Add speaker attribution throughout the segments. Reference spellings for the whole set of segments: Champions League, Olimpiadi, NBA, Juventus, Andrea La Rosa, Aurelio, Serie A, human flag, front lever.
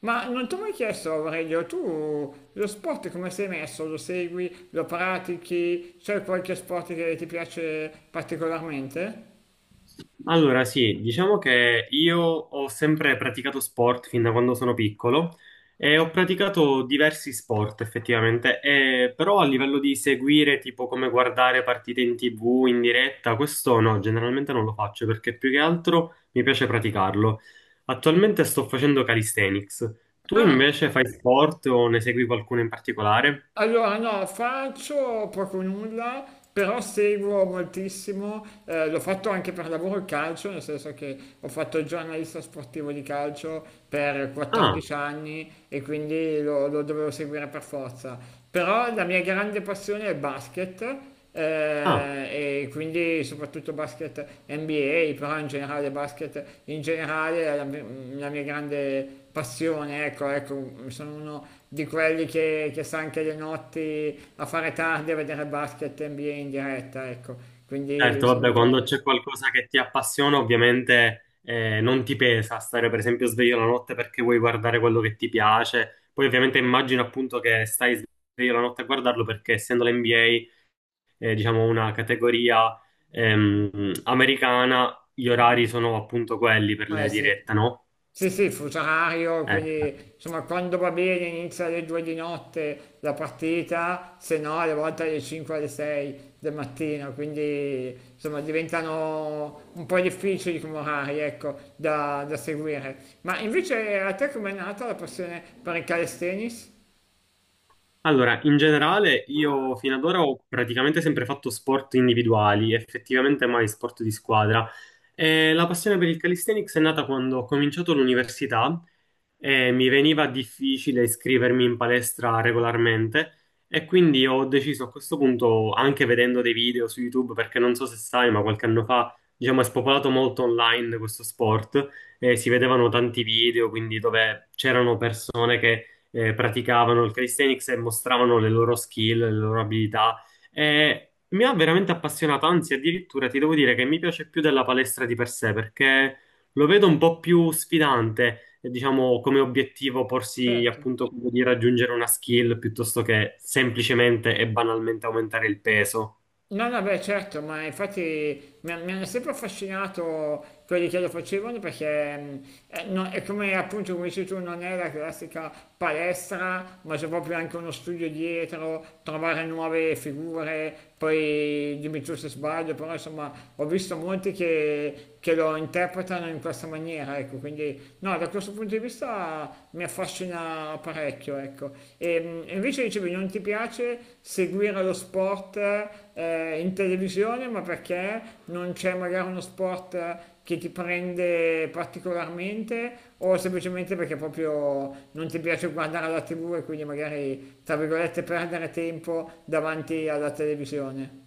Speaker 1: Ma non ti ho mai chiesto, Aurelio, tu lo sport come sei messo? Lo segui? Lo pratichi? C'è qualche sport che ti piace particolarmente?
Speaker 2: Allora, sì, diciamo che io ho sempre praticato sport fin da quando sono piccolo e ho praticato diversi sport effettivamente, però a livello di seguire, tipo come guardare partite in TV in diretta, questo no, generalmente non lo faccio perché più che altro mi piace praticarlo. Attualmente sto facendo calisthenics. Tu
Speaker 1: Ah,
Speaker 2: invece fai sport o ne segui qualcuno in particolare?
Speaker 1: allora no, faccio poco o nulla, però seguo moltissimo, l'ho fatto anche per lavoro il calcio, nel senso che ho fatto il giornalista sportivo di calcio per
Speaker 2: Ah,
Speaker 1: 14 anni e quindi lo dovevo seguire per forza. Però la mia grande passione è il basket
Speaker 2: ah.
Speaker 1: e quindi soprattutto basket NBA, però in generale basket in generale è la mia grande passione, ecco, ecco, sono uno di quelli che sta anche le notti a fare tardi a vedere basket NBA in diretta, ecco, quindi
Speaker 2: Certo,
Speaker 1: sono
Speaker 2: vabbè,
Speaker 1: un
Speaker 2: quando
Speaker 1: po'.
Speaker 2: c'è qualcosa che ti appassiona, ovviamente non ti pesa stare per esempio sveglio la notte perché vuoi guardare quello che ti piace. Poi ovviamente immagino appunto che stai sveglio la notte a guardarlo perché essendo l'NBA, diciamo una categoria americana, gli orari sono appunto quelli per
Speaker 1: Eh
Speaker 2: le
Speaker 1: sì.
Speaker 2: dirette, no?
Speaker 1: Sì, sì, fuso orario,
Speaker 2: Eh.
Speaker 1: quindi insomma quando va bene inizia alle 2 di notte la partita, se no alle volte alle 5 alle 6 del mattino, quindi insomma diventano un po' difficili come orari, ecco, da seguire. Ma invece a te com'è nata la passione per il calisthenics?
Speaker 2: Allora, in generale io fino ad ora ho praticamente sempre fatto sport individuali, effettivamente mai sport di squadra. E la passione per il calisthenics è nata quando ho cominciato l'università e mi veniva difficile iscrivermi in palestra regolarmente e quindi ho deciso a questo punto, anche vedendo dei video su YouTube, perché non so se sai, ma qualche anno fa, diciamo, è spopolato molto online questo sport e si vedevano tanti video, quindi dove c'erano persone che praticavano il calisthenics e mostravano le loro skill, le loro abilità. E mi ha veramente appassionato, anzi, addirittura ti devo dire che mi piace più della palestra di per sé perché lo vedo un po' più sfidante, diciamo, come obiettivo porsi
Speaker 1: Certo.
Speaker 2: appunto quello di raggiungere una skill piuttosto che semplicemente e banalmente aumentare il peso.
Speaker 1: No, no, beh, certo, ma infatti mi hanno sempre affascinato quelli che lo facevano perché no, è come appunto come dici tu, non è la classica palestra, ma c'è proprio anche uno studio dietro, trovare nuove figure, poi dimmi tu se sbaglio, però insomma ho visto molti che lo interpretano in questa maniera, ecco, quindi no, da questo punto di vista mi affascina parecchio, ecco. E invece dicevi, non ti piace seguire lo sport in televisione, ma perché non c'è magari uno sport che ti prende particolarmente o semplicemente perché proprio non ti piace guardare la TV e quindi magari, tra virgolette, perdere tempo davanti alla televisione?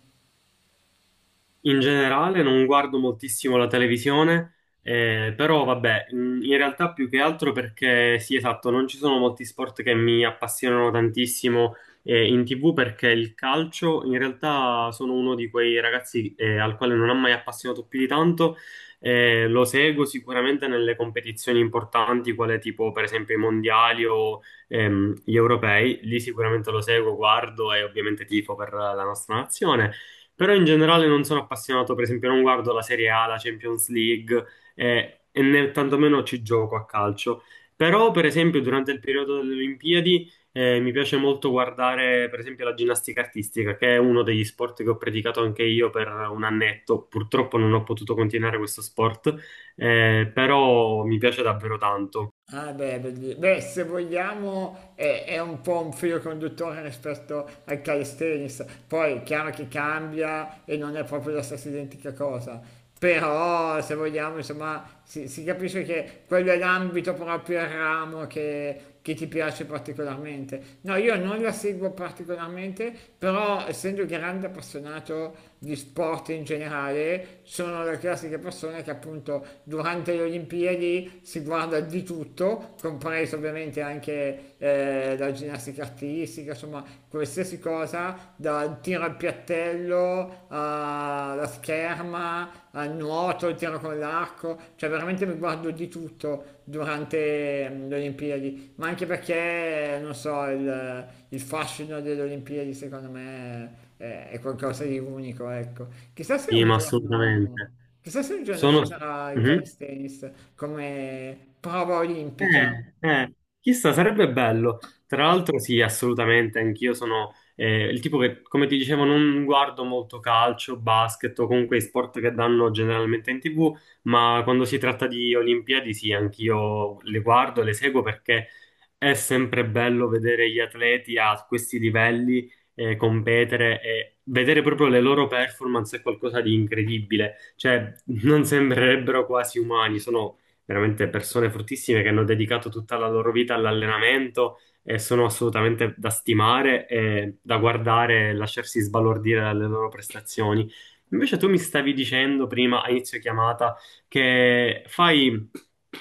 Speaker 2: In generale non guardo moltissimo la televisione, però vabbè, in realtà più che altro perché sì, esatto, non ci sono molti sport che mi appassionano tantissimo in TV perché il calcio in realtà sono uno di quei ragazzi al quale non ha mai appassionato più di tanto, lo seguo sicuramente nelle competizioni importanti, quale tipo per esempio i mondiali o gli europei, lì sicuramente lo seguo, guardo e ovviamente tifo per la nostra nazione. Però in generale non sono appassionato, per esempio, non guardo la Serie A, la Champions League e, né tantomeno ci gioco a calcio. Però, per esempio, durante il periodo delle Olimpiadi mi piace molto guardare, per esempio, la ginnastica artistica, che è uno degli sport che ho praticato anche io per un annetto. Purtroppo non ho potuto continuare questo sport, però mi piace davvero tanto.
Speaker 1: Ah, beh, se vogliamo è un po' un filo conduttore rispetto al calisthenics, poi è chiaro che cambia e non è proprio la stessa identica cosa, però se vogliamo insomma si capisce che quello è l'ambito proprio, il ramo che ti piace particolarmente. No, io non la seguo particolarmente, però essendo grande appassionato di sport in generale, sono la classica persona che appunto durante le Olimpiadi si guarda di tutto, compreso ovviamente anche la ginnastica artistica, insomma qualsiasi cosa, dal tiro al piattello alla scherma, al nuoto, al tiro con l'arco, cioè veramente mi guardo di tutto durante le Olimpiadi, ma anche perché, non so, il fascino delle Olimpiadi secondo me è qualcosa di unico, ecco.
Speaker 2: Sì, ma assolutamente.
Speaker 1: Chissà se un giorno ci
Speaker 2: Sono...
Speaker 1: sarà il
Speaker 2: Mhm.
Speaker 1: calisthenics come prova olimpica.
Speaker 2: Eh, eh, chissà, sarebbe bello. Tra l'altro, sì, assolutamente, anch'io sono il tipo che, come ti dicevo, non guardo molto calcio, basket o comunque i sport che danno generalmente in TV, ma quando si tratta di Olimpiadi, sì, anch'io le guardo, le seguo perché è sempre bello vedere gli atleti a questi livelli competere e vedere proprio le loro performance è qualcosa di incredibile. Cioè, non sembrerebbero quasi umani, sono veramente persone fortissime che hanno dedicato tutta la loro vita all'allenamento e sono assolutamente da stimare e da guardare e lasciarsi sbalordire dalle loro prestazioni. Invece tu mi stavi dicendo prima, a inizio chiamata, che fai,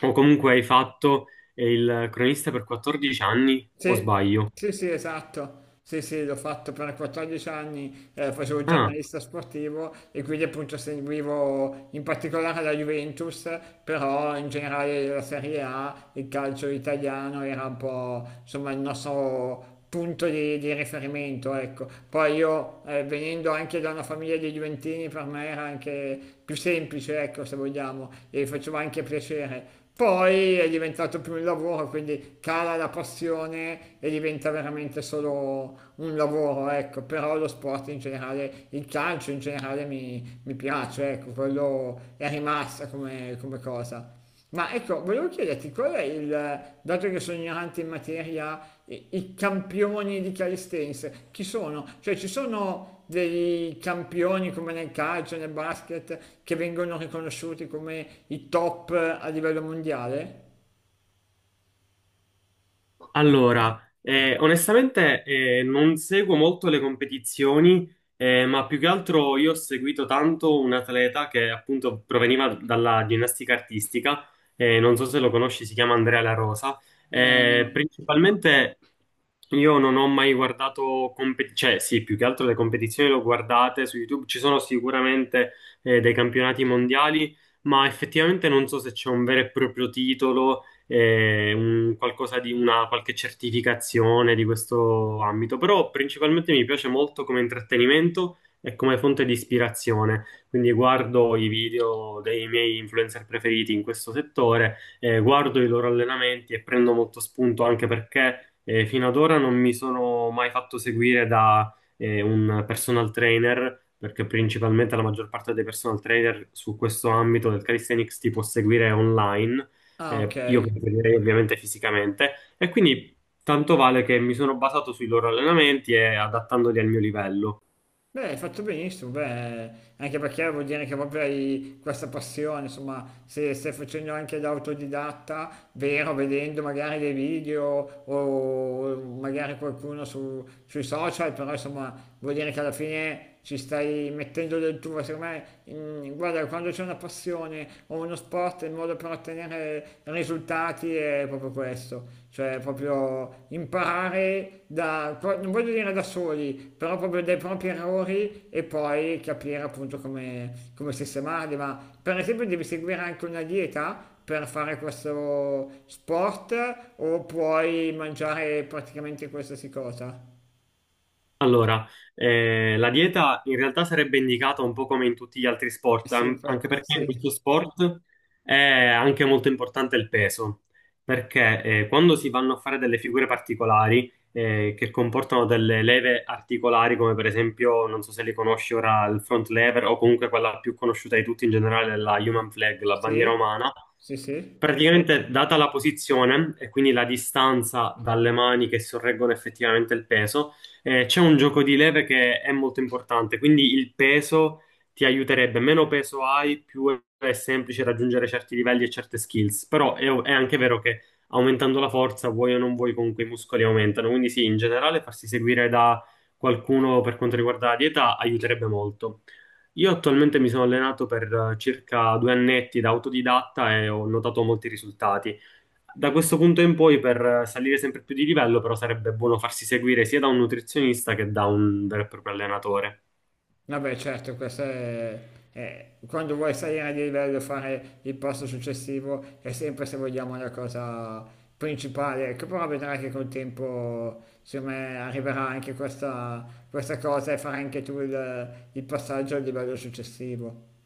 Speaker 2: o comunque hai fatto, il cronista per 14 anni, o
Speaker 1: Sì,
Speaker 2: sbaglio?
Speaker 1: sì, sì, esatto. Sì, sì, l'ho fatto per 14 anni, facevo il
Speaker 2: Ah.
Speaker 1: giornalista sportivo e quindi appunto seguivo in particolare la Juventus, però in generale la Serie A, il calcio italiano era un po' insomma il nostro punto di riferimento, ecco. Poi io venendo anche da una famiglia di Juventini per me era anche più semplice, ecco, se vogliamo, e faceva anche piacere. Poi è diventato più un lavoro, quindi cala la passione e diventa veramente solo un lavoro, ecco. Però lo sport in generale, il calcio in generale mi piace, ecco, quello è rimasto come cosa. Ma ecco, volevo chiederti qual è dato che sono ignorante in materia, i campioni di calisthenics, chi sono? Cioè ci sono dei campioni come nel calcio, nel basket, che vengono riconosciuti come i top a livello mondiale?
Speaker 2: Allora, onestamente non seguo molto le competizioni, ma più che altro io ho seguito tanto un atleta che appunto proveniva dalla ginnastica artistica, non so se lo conosci, si chiama Andrea La Rosa.
Speaker 1: Eh no.
Speaker 2: Principalmente io non ho mai guardato, cioè sì, più che altro le competizioni le ho guardate su YouTube, ci sono sicuramente dei campionati mondiali, ma effettivamente non so se c'è un vero e proprio titolo qualcosa di una qualche certificazione di questo ambito, però principalmente mi piace molto come intrattenimento e come fonte di ispirazione. Quindi guardo i video dei miei influencer preferiti in questo settore, guardo i loro allenamenti e prendo molto spunto anche perché fino ad ora non mi sono mai fatto seguire da un personal trainer. Perché principalmente la maggior parte dei personal trainer su questo ambito del calisthenics ti può seguire online
Speaker 1: Ah,
Speaker 2: io
Speaker 1: ok.
Speaker 2: preferirei ovviamente fisicamente, e quindi tanto vale che mi sono basato sui loro allenamenti e adattandoli al mio livello.
Speaker 1: Beh, hai fatto benissimo, beh, anche perché vuol dire che proprio hai questa passione, insomma, se stai facendo anche da autodidatta, vero, vedendo magari dei video o magari qualcuno sui social, però insomma, vuol dire che alla fine ci stai mettendo del tuo, secondo me, guarda, quando c'è una passione o uno sport, il modo per ottenere risultati è proprio questo, cioè proprio imparare non voglio dire da soli, però proprio dai propri errori e poi capire appunto come sistemarli, ma per esempio devi seguire anche una dieta per fare questo sport o puoi mangiare praticamente qualsiasi cosa?
Speaker 2: Allora, la dieta in realtà sarebbe indicata un po' come in tutti gli altri sport,
Speaker 1: Sì,
Speaker 2: anche perché in
Speaker 1: sì.
Speaker 2: questo sport è anche molto importante il peso, perché quando si vanno a fare delle figure particolari che comportano delle leve articolari, come per esempio, non so se li conosci ora, il front lever o comunque quella più conosciuta di tutti in generale, la human flag, la bandiera
Speaker 1: Sì,
Speaker 2: umana,
Speaker 1: sì, sì.
Speaker 2: praticamente, data la posizione e quindi la distanza dalle mani che sorreggono effettivamente il peso, c'è un gioco di leve che è molto importante, quindi il peso ti aiuterebbe. Meno peso hai, più è semplice raggiungere certi livelli e certe skills. Però è anche vero che aumentando la forza, vuoi o non vuoi, comunque i muscoli aumentano. Quindi sì, in generale farsi seguire da qualcuno per quanto riguarda la dieta aiuterebbe molto. Io attualmente mi sono allenato per circa 2 annetti da autodidatta e ho notato molti risultati. Da questo punto in poi, per salire sempre più di livello, però sarebbe buono farsi seguire sia da un nutrizionista che da un vero e proprio allenatore.
Speaker 1: Vabbè, certo, quando vuoi salire di livello, fare il passo successivo è sempre, se vogliamo, la cosa principale. Ecco, però vedrai che col tempo, secondo me, arriverà anche questa cosa e farai anche tu il passaggio al livello successivo.